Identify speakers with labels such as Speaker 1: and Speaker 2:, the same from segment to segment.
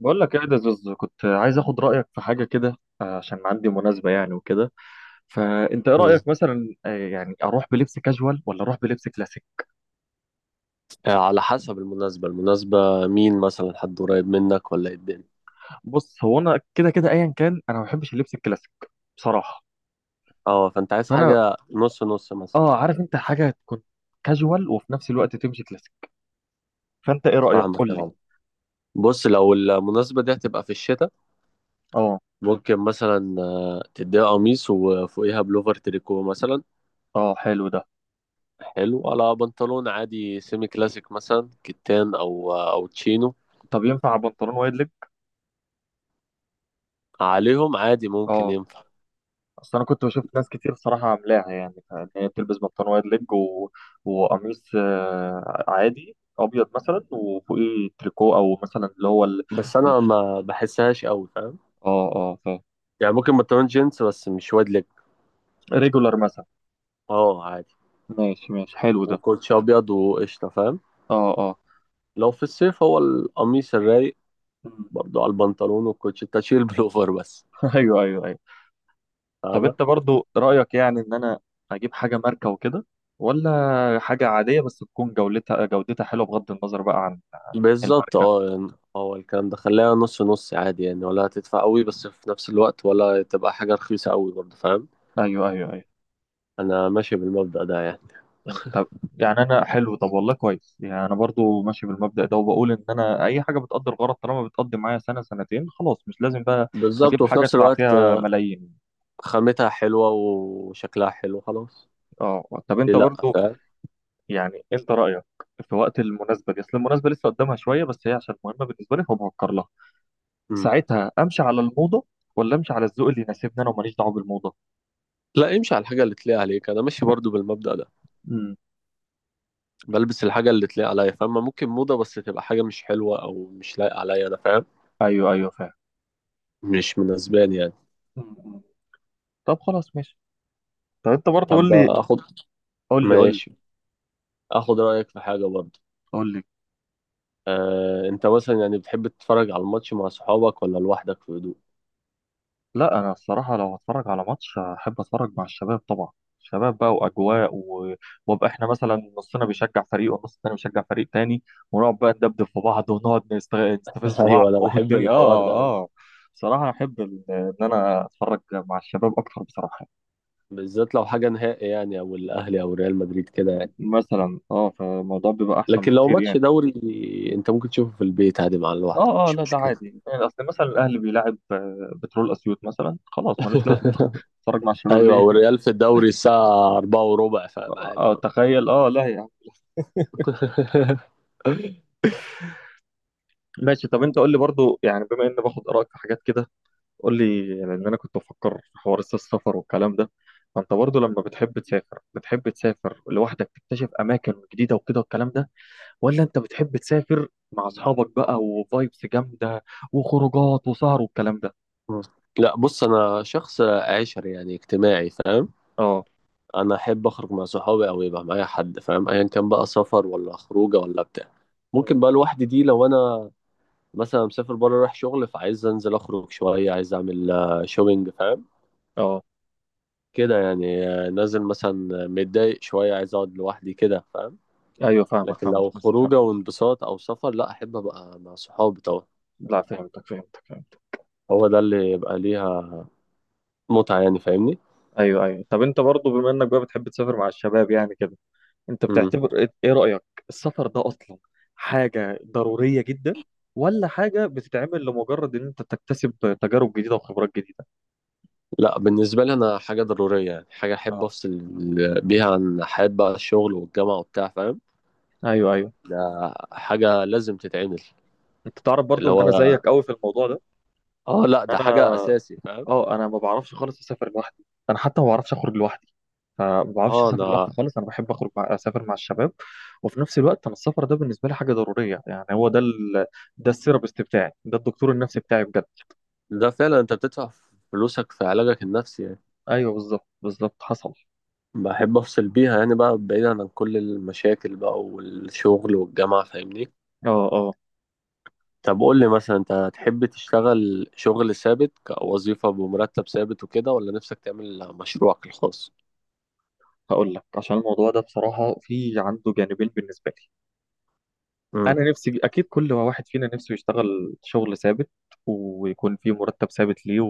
Speaker 1: بقول لك ايه ده زوز. كنت عايز اخد رايك في حاجه كده. عشان عندي مناسبه يعني وكده. فانت ايه
Speaker 2: مم.
Speaker 1: رايك مثلا؟ يعني اروح بلبس كاجوال ولا اروح بلبس كلاسيك؟
Speaker 2: على حسب المناسبة مين مثلا، حد قريب منك ولا ايه الدنيا؟
Speaker 1: بص، هو انا كده كده ايا كان انا ما بحبش اللبس الكلاسيك بصراحه.
Speaker 2: اه، فانت عايز
Speaker 1: فانا
Speaker 2: حاجة نص نص مثلا.
Speaker 1: اه، عارف انت حاجه تكون كاجوال وفي نفس الوقت تمشي كلاسيك. فانت ايه رايك؟
Speaker 2: فاهمك
Speaker 1: قول
Speaker 2: يا
Speaker 1: لي.
Speaker 2: عم. بص، لو المناسبة دي هتبقى في الشتاء
Speaker 1: اه.
Speaker 2: ممكن مثلا تديها قميص وفوقيها بلوفر تريكو مثلا،
Speaker 1: اه، حلو ده.
Speaker 2: حلو على بنطلون عادي سيمي كلاسيك مثلا كتان او او تشينو.
Speaker 1: طب ينفع بنطلون وايد ليج؟
Speaker 2: عليهم عادي ممكن
Speaker 1: اه.
Speaker 2: ينفع.
Speaker 1: اصل انا كنت بشوف ناس كتير صراحه عاملاها، يعني ان هي بتلبس بنطلون وايد ليج وقميص عادي ابيض مثلا وفوقيه تريكو او مثلا اللي هو
Speaker 2: بس
Speaker 1: ال...
Speaker 2: انا ما بحسهاش قوي، فاهم؟
Speaker 1: اه اه، فاهم.
Speaker 2: يعني ممكن بنطلون جينز بس مش واد لك.
Speaker 1: ريجولار مثلا.
Speaker 2: اه عادي،
Speaker 1: ماشي ماشي، حلو ده.
Speaker 2: وكوتش ابيض وقشطة، فاهم؟
Speaker 1: اه اه.
Speaker 2: لو في الصيف هو القميص الرايق
Speaker 1: مم.
Speaker 2: برضو على البنطلون والكوتشي، تشيل بلوفر بس.
Speaker 1: ايوه ايوه ايوه. طب
Speaker 2: فاهمة؟
Speaker 1: انت برضو رايك يعني ان انا اجيب حاجه ماركه وكده، ولا حاجه عاديه بس تكون جودتها حلوه بغض النظر بقى عن
Speaker 2: بالظبط
Speaker 1: الماركه؟
Speaker 2: اه يعني، هو الكلام ده خليها نص نص عادي يعني، ولا هتدفع قوي بس في نفس الوقت ولا تبقى حاجة رخيصة قوي برضو، فاهم؟
Speaker 1: ايوه ايوه ايوه.
Speaker 2: انا ماشي بالمبدأ ده يعني.
Speaker 1: طب يعني انا حلو، طب والله كويس، يعني انا برضو ماشي بالمبدأ ده، وبقول ان انا اي حاجه بتقضي الغرض طالما بتقضي معايا سنه سنتين خلاص، مش لازم بقى اجيب
Speaker 2: بالظبط، وفي
Speaker 1: حاجه
Speaker 2: نفس
Speaker 1: ادفع
Speaker 2: الوقت
Speaker 1: فيها ملايين.
Speaker 2: خامتها حلوة وشكلها حلو خلاص.
Speaker 1: اه. طب
Speaker 2: ليه
Speaker 1: انت
Speaker 2: لا،
Speaker 1: برضو
Speaker 2: فاهم؟
Speaker 1: يعني، انت رايك في وقت المناسبه دي، اصل المناسبه لسه قدامها شويه بس هي عشان مهمه بالنسبه لي فبفكر لها،
Speaker 2: مم.
Speaker 1: ساعتها امشي على الموضه ولا امشي على الذوق اللي يناسبني انا وماليش دعوه بالموضه؟
Speaker 2: لا، امشي على الحاجة اللي تليق عليك، انا ماشي برضو بالمبدأ ده،
Speaker 1: امم.
Speaker 2: بلبس الحاجة اللي تليق عليا. فاهمة؟ ممكن موضة بس تبقى حاجة مش حلوة او مش لايقة عليا انا، فاهم؟
Speaker 1: ايوه ايوه فاهم.
Speaker 2: مش مناسباني يعني.
Speaker 1: م- م. طب خلاص ماشي. طب انت برضو قول
Speaker 2: طب
Speaker 1: لي.
Speaker 2: اخد،
Speaker 1: قول لي قول لي
Speaker 2: ماشي، اخد رايك في حاجه برضه.
Speaker 1: قول لي.
Speaker 2: انت مثلا يعني بتحب تتفرج على الماتش مع صحابك ولا لوحدك في هدوء؟
Speaker 1: لا انا الصراحه لو هتفرج على ماتش احب اتفرج مع الشباب طبعا. شباب بقى واجواء وابقى احنا مثلا نصنا بيشجع فريق والنص التاني بيشجع فريق تاني، ونقعد بقى ندبدب في بعض ونقعد نستفز بعض
Speaker 2: ايوه، انا بحب
Speaker 1: والدنيا،
Speaker 2: الحوار
Speaker 1: اه.
Speaker 2: ده أوي.
Speaker 1: اه، بصراحه احب ان انا اتفرج مع الشباب اكتر بصراحه.
Speaker 2: بالذات لو حاجه نهائي يعني، او الاهلي او ريال مدريد كده يعني.
Speaker 1: مثلا اه، فالموضوع بيبقى احسن
Speaker 2: لكن لو
Speaker 1: بكتير
Speaker 2: ماتش
Speaker 1: يعني.
Speaker 2: دوري انت ممكن تشوفه في البيت عادي مع لوحدك،
Speaker 1: اه اه،
Speaker 2: مش
Speaker 1: لا ده
Speaker 2: مشكله.
Speaker 1: عادي يعني، اصل مثلا الاهلي بيلاعب بترول اسيوط مثلا، خلاص ملوش لازمه اتفرج مع الشباب
Speaker 2: ايوه،
Speaker 1: ليه؟
Speaker 2: والريال في الدوري الساعه 4 وربع فاهم،
Speaker 1: اه،
Speaker 2: عادي برضه.
Speaker 1: تخيل. اه لا يا عم. ماشي. طب انت قول لي برضو، يعني بما اني باخد ارائك في حاجات كده، قول لي، لان انا كنت بفكر في حوار السفر والكلام ده. فانت برضو لما بتحب تسافر، بتحب تسافر لوحدك تكتشف اماكن جديده وكده والكلام ده، ولا انت بتحب تسافر مع اصحابك بقى وفايبس جامده وخروجات وسهر والكلام ده؟
Speaker 2: لا بص، انا شخص عشري يعني، اجتماعي، فاهم؟
Speaker 1: اه.
Speaker 2: انا احب اخرج مع صحابي او يبقى معايا حد، فاهم؟ ايا كان بقى، سفر ولا خروجه ولا بتاع. ممكن
Speaker 1: مم.
Speaker 2: بقى لوحدي دي لو انا مثلا مسافر بره رايح شغل، فعايز انزل اخرج شويه، عايز اعمل شوبينج، فاهم؟
Speaker 1: اه.
Speaker 2: كده يعني، نازل مثلا متضايق شويه عايز اقعد لوحدي كده، فاهم؟
Speaker 1: ايوه، فاهمك
Speaker 2: لكن
Speaker 1: فاهمك
Speaker 2: لو
Speaker 1: بس
Speaker 2: خروجه
Speaker 1: فهمت.
Speaker 2: وانبساط او سفر، لا، احب ابقى مع صحابي طبعا.
Speaker 1: لا فهمتك فهمتك فهمت.
Speaker 2: هو ده اللي يبقى ليها متعه يعني، فاهمني؟
Speaker 1: ايوه ايوه. طب انت برضو، بما انك بقى بتحب تسافر مع الشباب يعني كده، انت
Speaker 2: امم.
Speaker 1: بتعتبر إيه رأيك، السفر ده اصلا حاجة ضرورية جدا، ولا حاجة بتتعمل لمجرد ان انت تكتسب تجارب جديدة وخبرات جديدة؟
Speaker 2: لا، بالنسبة لي أنا حاجة ضرورية يعني، حاجة أحب
Speaker 1: اه.
Speaker 2: أفصل بيها عن حياة بقى الشغل والجامعة وبتاع، فاهم؟
Speaker 1: ايوه ايوه.
Speaker 2: ده حاجة لازم تتعمل.
Speaker 1: انت تعرف برضو
Speaker 2: اللي
Speaker 1: ان انا زيك
Speaker 2: هو
Speaker 1: قوي في الموضوع ده.
Speaker 2: اه لا، ده حاجة
Speaker 1: انا
Speaker 2: أساسي، فاهم؟
Speaker 1: اه، انا ما بعرفش خالص اسافر لوحدي. انا حتى ما بعرفش اخرج لوحدي، فما بعرفش
Speaker 2: اه
Speaker 1: اسافر لوحدي
Speaker 2: أنا،
Speaker 1: خالص. انا بحب اخرج اسافر مع الشباب. وفي نفس الوقت انا السفر ده بالنسبة لي حاجة ضرورية، يعني هو ده ده السيرابست بتاعي، ده الدكتور النفسي بتاعي بجد.
Speaker 2: ده فعلا أنت بتدفع فلوسك في علاجك النفسي يعني.
Speaker 1: ايوه بالظبط بالظبط حصل.
Speaker 2: بحب أفصل بيها يعني بقى، بعيدا عن كل المشاكل بقى والشغل والجامعة، فاهمني؟
Speaker 1: اه اه.
Speaker 2: طب قول لي مثلا، أنت تحب تشتغل شغل ثابت كوظيفة بمرتب ثابت وكده، ولا نفسك تعمل مشروعك الخاص؟
Speaker 1: هقول لك، عشان الموضوع ده بصراحة في عنده جانبين بالنسبة لي.
Speaker 2: امم.
Speaker 1: أنا نفسي أكيد كل واحد فينا نفسه يشتغل شغل ثابت، ويكون فيه مرتب ثابت ليه،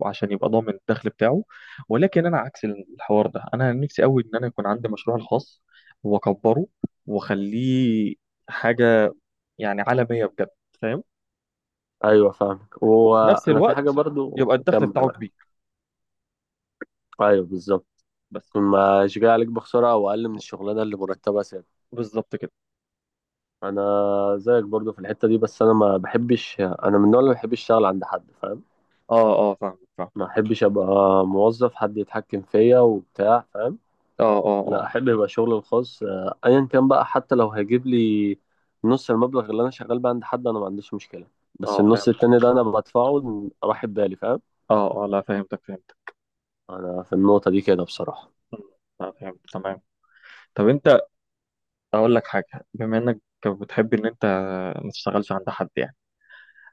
Speaker 1: وعشان يبقى ضامن الدخل بتاعه. ولكن أنا عكس الحوار ده، أنا نفسي أوي إن أنا يكون عندي مشروع الخاص، وأكبره، وأخليه حاجة يعني عالمية بجد، فاهم؟
Speaker 2: أيوه فاهمك،
Speaker 1: وفي نفس
Speaker 2: وأنا في حاجة
Speaker 1: الوقت
Speaker 2: برضو،
Speaker 1: يبقى الدخل
Speaker 2: كمل
Speaker 1: بتاعه
Speaker 2: بقى.
Speaker 1: كبير.
Speaker 2: أيوه بالظبط،
Speaker 1: بس
Speaker 2: ما مش جاي عليك بخسارة أو أقل من الشغلانة اللي مرتبها ثابت.
Speaker 1: بالظبط كده.
Speaker 2: انا زيك برضو في الحته دي، بس انا ما بحبش، انا من النوع اللي ما بحبش اشتغل عند حد، فاهم؟
Speaker 1: أه أه فاهمك فاهم.
Speaker 2: ما بحبش ابقى موظف حد يتحكم فيا وبتاع، فاهم؟
Speaker 1: أه أه أه
Speaker 2: لا، احب يبقى شغلي الخاص ايا كان بقى، حتى لو هيجيب لي نص المبلغ اللي انا شغال بيه عند حد انا ما عنديش مشكله، بس
Speaker 1: أه
Speaker 2: النص
Speaker 1: فهمتك.
Speaker 2: التاني ده انا بدفعه راح بالي، فاهم؟
Speaker 1: أه أه لا فهمتك فهمتك.
Speaker 2: انا في النقطه دي كده بصراحه.
Speaker 1: فهمت تمام. طب انت، اقول لك حاجه، بما انك بتحب ان انت ما تشتغلش عند حد يعني،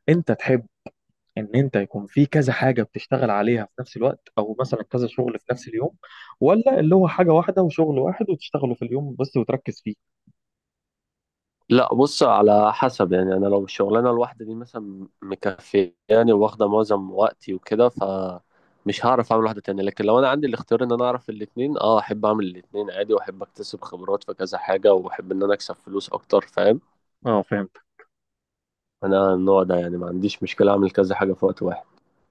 Speaker 1: انت تحب ان انت يكون في كذا حاجه بتشتغل عليها في نفس الوقت، او مثلا كذا شغل في نفس اليوم، ولا اللي هو حاجه واحده وشغل واحد وتشتغله في اليوم بس وتركز فيه؟
Speaker 2: لا بص، على حسب يعني، انا لو الشغلانه الواحده دي مثلا مكفياني واخده معظم وقتي وكده فمش هعرف اعمل واحده تانية، لكن لو انا عندي الاختيار ان انا اعرف الاتنين اه احب اعمل الاتنين عادي، واحب اكتسب خبرات في كذا حاجه، واحب ان انا اكسب فلوس اكتر، فاهم؟
Speaker 1: اه فهمت.
Speaker 2: انا النوع ده يعني، ما عنديش مشكله اعمل كذا حاجه في وقت واحد.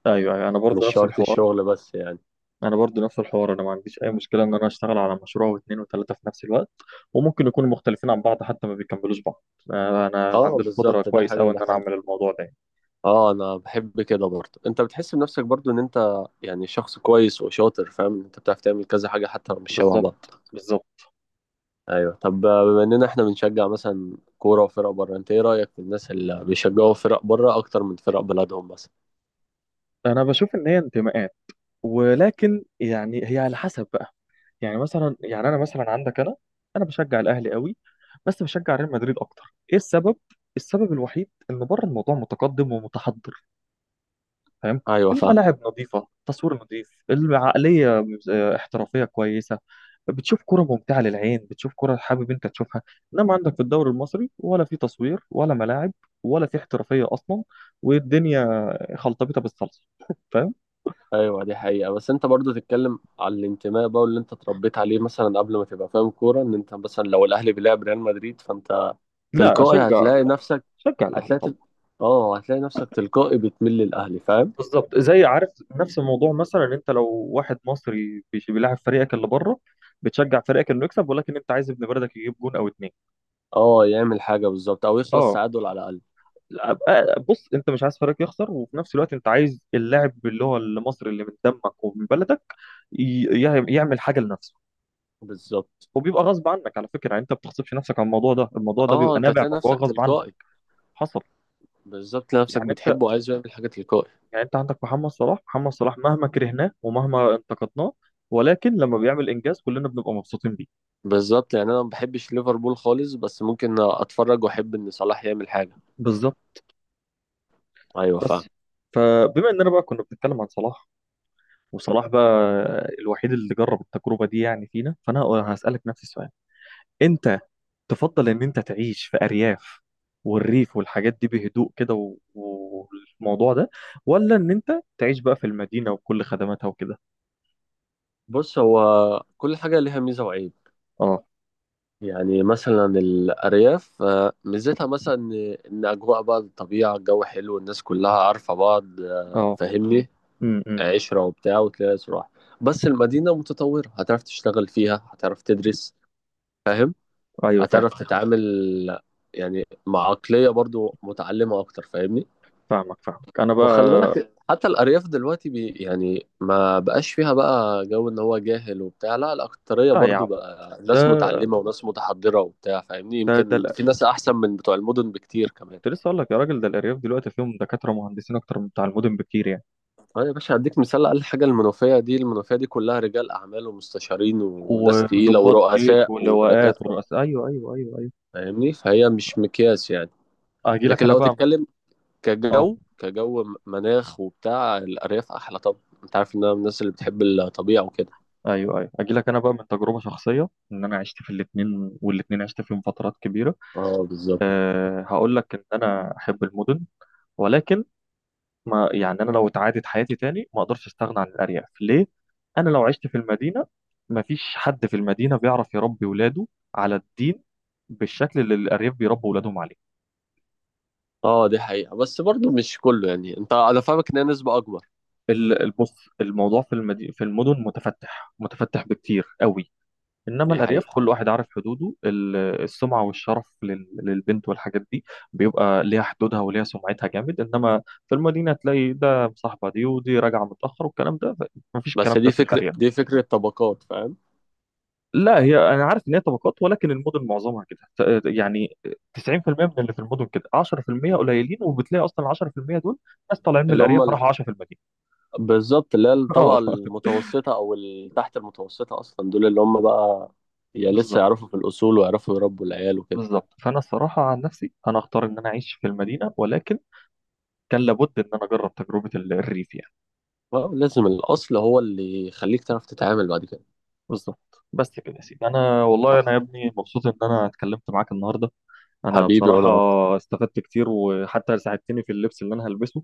Speaker 1: ايوه ايوه.
Speaker 2: مش شرط الشغل بس يعني.
Speaker 1: انا برضو نفس الحوار. انا ما عنديش اي مشكله ان انا اشتغل على مشروع واثنين وثلاثه في نفس الوقت، وممكن يكونوا مختلفين عن بعض حتى ما بيكملوش بعض. انا
Speaker 2: اه
Speaker 1: عندي القدره
Speaker 2: بالظبط، ده
Speaker 1: كويس
Speaker 2: حاجه
Speaker 1: قوي
Speaker 2: وده
Speaker 1: ان انا
Speaker 2: حاجه.
Speaker 1: اعمل الموضوع ده.
Speaker 2: اه انا بحب كده برضه، انت بتحس بنفسك برضه ان انت يعني شخص كويس وشاطر، فاهم؟ انت بتعرف تعمل كذا حاجه حتى لو مش شبه بعض.
Speaker 1: بالظبط بالظبط.
Speaker 2: ايوه، طب بما اننا احنا بنشجع مثلا كوره وفرق بره، انت ايه رايك في الناس اللي بيشجعوا فرق بره اكتر من فرق بلدهم مثلا؟
Speaker 1: انا بشوف ان هي انتماءات، ولكن يعني هي على حسب بقى، يعني مثلا، يعني انا مثلا عندك، انا انا بشجع الاهلي قوي، بس بشجع ريال مدريد اكتر. ايه السبب؟ السبب الوحيد ان بره الموضوع متقدم ومتحضر، فاهم.
Speaker 2: ايوه فاهم.
Speaker 1: الملاعب نظيفه، تصوير نظيف، العقليه احترافيه كويسه. بتشوف كرة ممتعة للعين، بتشوف كرة حابب انت تشوفها. انما عندك في الدوري المصري، ولا في تصوير، ولا ملاعب، ولا في احترافية اصلا، والدنيا خلطبيطة بالصلصة.
Speaker 2: ايوه دي حقيقه، بس انت برضو تتكلم على الانتماء بقى واللي انت اتربيت عليه، مثلا قبل ما تبقى فاهم كوره، ان انت مثلا لو الاهلي بيلعب ريال مدريد فانت
Speaker 1: لا،
Speaker 2: تلقائي
Speaker 1: اشجع
Speaker 2: هتلاقي
Speaker 1: الاهلي.
Speaker 2: نفسك،
Speaker 1: اشجع الاهلي
Speaker 2: هتلاقي تل...
Speaker 1: طبعا.
Speaker 2: اه هتلاقي نفسك تلقائي بتميل للاهلي، فاهم؟
Speaker 1: بالظبط. زي عارف، نفس الموضوع مثلا، إن انت لو واحد مصري بيلاعب فريقك اللي بره، بتشجع فريقك انه يكسب، ولكن انت عايز ابن بلدك يجيب جون او اتنين.
Speaker 2: اه يعمل حاجه بالظبط، او يخلص
Speaker 1: اه.
Speaker 2: تعادل على الاقل.
Speaker 1: لا، بص، انت مش عايز فريقك يخسر، وفي نفس الوقت انت عايز اللاعب اللي هو المصري اللي من دمك ومن بلدك يعمل حاجه لنفسه.
Speaker 2: بالظبط،
Speaker 1: وبيبقى غصب عنك على فكره، يعني انت ما بتغصبش نفسك على الموضوع ده، الموضوع ده
Speaker 2: اه
Speaker 1: بيبقى
Speaker 2: انت
Speaker 1: نابع
Speaker 2: هتلاقي
Speaker 1: من جوه
Speaker 2: نفسك
Speaker 1: غصب عنك.
Speaker 2: تلقائي.
Speaker 1: حصل.
Speaker 2: بالظبط، تلاقي نفسك
Speaker 1: يعني انت،
Speaker 2: بتحبه وعايز يعمل حاجه تلقائي.
Speaker 1: عندك محمد صلاح، محمد صلاح مهما كرهناه ومهما انتقدناه، ولكن لما بيعمل انجاز كلنا بنبقى مبسوطين بيه.
Speaker 2: بالظبط، يعني انا ما بحبش ليفربول خالص بس ممكن اتفرج واحب ان صلاح يعمل حاجه.
Speaker 1: بالظبط.
Speaker 2: ايوه
Speaker 1: بس
Speaker 2: فاهم.
Speaker 1: فبما اننا بقى كنا بنتكلم عن صلاح، وصلاح بقى الوحيد اللي جرب التجربة دي يعني فينا، فانا هسألك نفس السؤال. انت تفضل ان انت تعيش في ارياف والريف والحاجات دي بهدوء كده والموضوع ده، ولا ان انت تعيش بقى في المدينة وكل خدماتها وكده؟
Speaker 2: بص هو كل حاجه ليها ميزه وعيب،
Speaker 1: اه
Speaker 2: يعني مثلا الارياف ميزتها مثلا إن اجواء بقى الطبيعه، الجو حلو، الناس كلها عارفه بعض،
Speaker 1: اه.
Speaker 2: فاهمني؟
Speaker 1: امم. أمم.
Speaker 2: عشره وبتاع وتلاقي صراحه. بس المدينه متطوره، هتعرف تشتغل فيها، هتعرف تدرس، فاهم؟
Speaker 1: ايوه فاهم.
Speaker 2: هتعرف تتعامل يعني مع عقليه برضو متعلمه اكتر، فاهمني؟
Speaker 1: فاهمك فاهمك. انا
Speaker 2: وخلي
Speaker 1: بقى،
Speaker 2: بالك، حتى الأرياف دلوقتي يعني ما بقاش فيها بقى جو إن هو جاهل وبتاع، لا، الأكترية
Speaker 1: لا يا عم.
Speaker 2: برضو بقى
Speaker 1: ده
Speaker 2: ناس متعلمة وناس متحضرة وبتاع، فاهمني؟
Speaker 1: ده ده
Speaker 2: يمكن
Speaker 1: الأ-
Speaker 2: في ناس أحسن من بتوع المدن بكتير كمان.
Speaker 1: كنت لسه اقول لك يا راجل، ده الارياف دلوقتي فيهم دكاتره ومهندسين اكتر من بتاع المدن بكتير يعني،
Speaker 2: أه يا باشا، هديك مثال، أقل حاجة المنوفية دي، المنوفية دي كلها رجال أعمال ومستشارين وناس تقيلة
Speaker 1: وضباط جيش
Speaker 2: ورؤساء
Speaker 1: ولواءات
Speaker 2: ودكاترة،
Speaker 1: ورؤساء. ايوه ايوه ايوه ايوه.
Speaker 2: فاهمني؟ فهي مش مقياس يعني.
Speaker 1: اجي لك
Speaker 2: لكن
Speaker 1: انا
Speaker 2: لو
Speaker 1: بقى من،
Speaker 2: تتكلم
Speaker 1: اه،
Speaker 2: كجو، مناخ وبتاع، الأرياف أحلى. طب أنت عارف إن أنا من الناس اللي بتحب الطبيعة وكده.
Speaker 1: ايوه ايوه، اجي لك انا بقى من تجربه شخصيه ان انا عشت في الاثنين، والاثنين عشت فيهم فترات كبيره.
Speaker 2: اه بالظبط.
Speaker 1: أه، هقول لك ان انا احب المدن، ولكن ما يعني انا لو اتعادت حياتي تاني ما اقدرش استغنى عن الارياف. ليه؟ انا لو عشت في المدينه، ما فيش حد في المدينه بيعرف يربي ولاده على الدين بالشكل اللي الارياف بيربوا ولادهم عليه.
Speaker 2: اه دي حقيقة، بس برضو مش كله يعني، انت انا فاهمك، ان هي نسبة اكبر.
Speaker 1: البص، الموضوع في في المدن متفتح، متفتح بكتير قوي، انما
Speaker 2: دي
Speaker 1: الارياف
Speaker 2: حقيقة.
Speaker 1: كل واحد عارف حدوده. السمعه والشرف للبنت والحاجات دي بيبقى ليها حدودها وليها سمعتها جامد. انما في المدينه تلاقي ده مصاحبه دي ودي راجعه متاخر والكلام ده، مفيش
Speaker 2: بس
Speaker 1: الكلام ده
Speaker 2: دي
Speaker 1: في
Speaker 2: فكرة،
Speaker 1: الارياف.
Speaker 2: دي فكرة طبقات، فاهم؟
Speaker 1: لا، هي انا عارف ان هي طبقات، ولكن المدن معظمها كده، يعني 90% من اللي في المدن كده، 10% قليلين، وبتلاقي اصلا ال 10% دول ناس طالعين من
Speaker 2: اللي هم
Speaker 1: الارياف راحوا
Speaker 2: ال-
Speaker 1: عاشوا في المدينه.
Speaker 2: بالظبط، اللي هي الطبقة
Speaker 1: اه
Speaker 2: المتوسطة او تحت المتوسطة اصلا، دول اللي هم بقى يا لسه
Speaker 1: بالظبط
Speaker 2: يعرفوا في الاصول ويعرفوا يربوا العيال وكده.
Speaker 1: بالظبط. فانا الصراحه عن نفسي، انا اختار ان انا اعيش في المدينه، ولكن كان لابد ان انا اجرب تجربه الريف يعني.
Speaker 2: اه لازم، الاصل هو اللي يخليك تعرف تتعامل بعد كده.
Speaker 1: بالظبط. بس كده يا سيدي، انا والله،
Speaker 2: ح-
Speaker 1: انا يا ابني مبسوط ان انا اتكلمت معاك النهارده. انا
Speaker 2: حبيبي
Speaker 1: بصراحه
Speaker 2: وانا أكتر.
Speaker 1: استفدت كتير، وحتى ساعدتني في اللبس اللي انا هلبسه.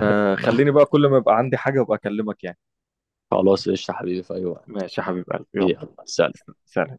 Speaker 1: فخليني بقى كل ما يبقى عندي حاجه ابقى اكلمك يعني.
Speaker 2: خلاص قشطة حبيبي، في اي وقت.
Speaker 1: ماشي يا حبيب قلبي، يلا،
Speaker 2: يلا سلام.
Speaker 1: سلام.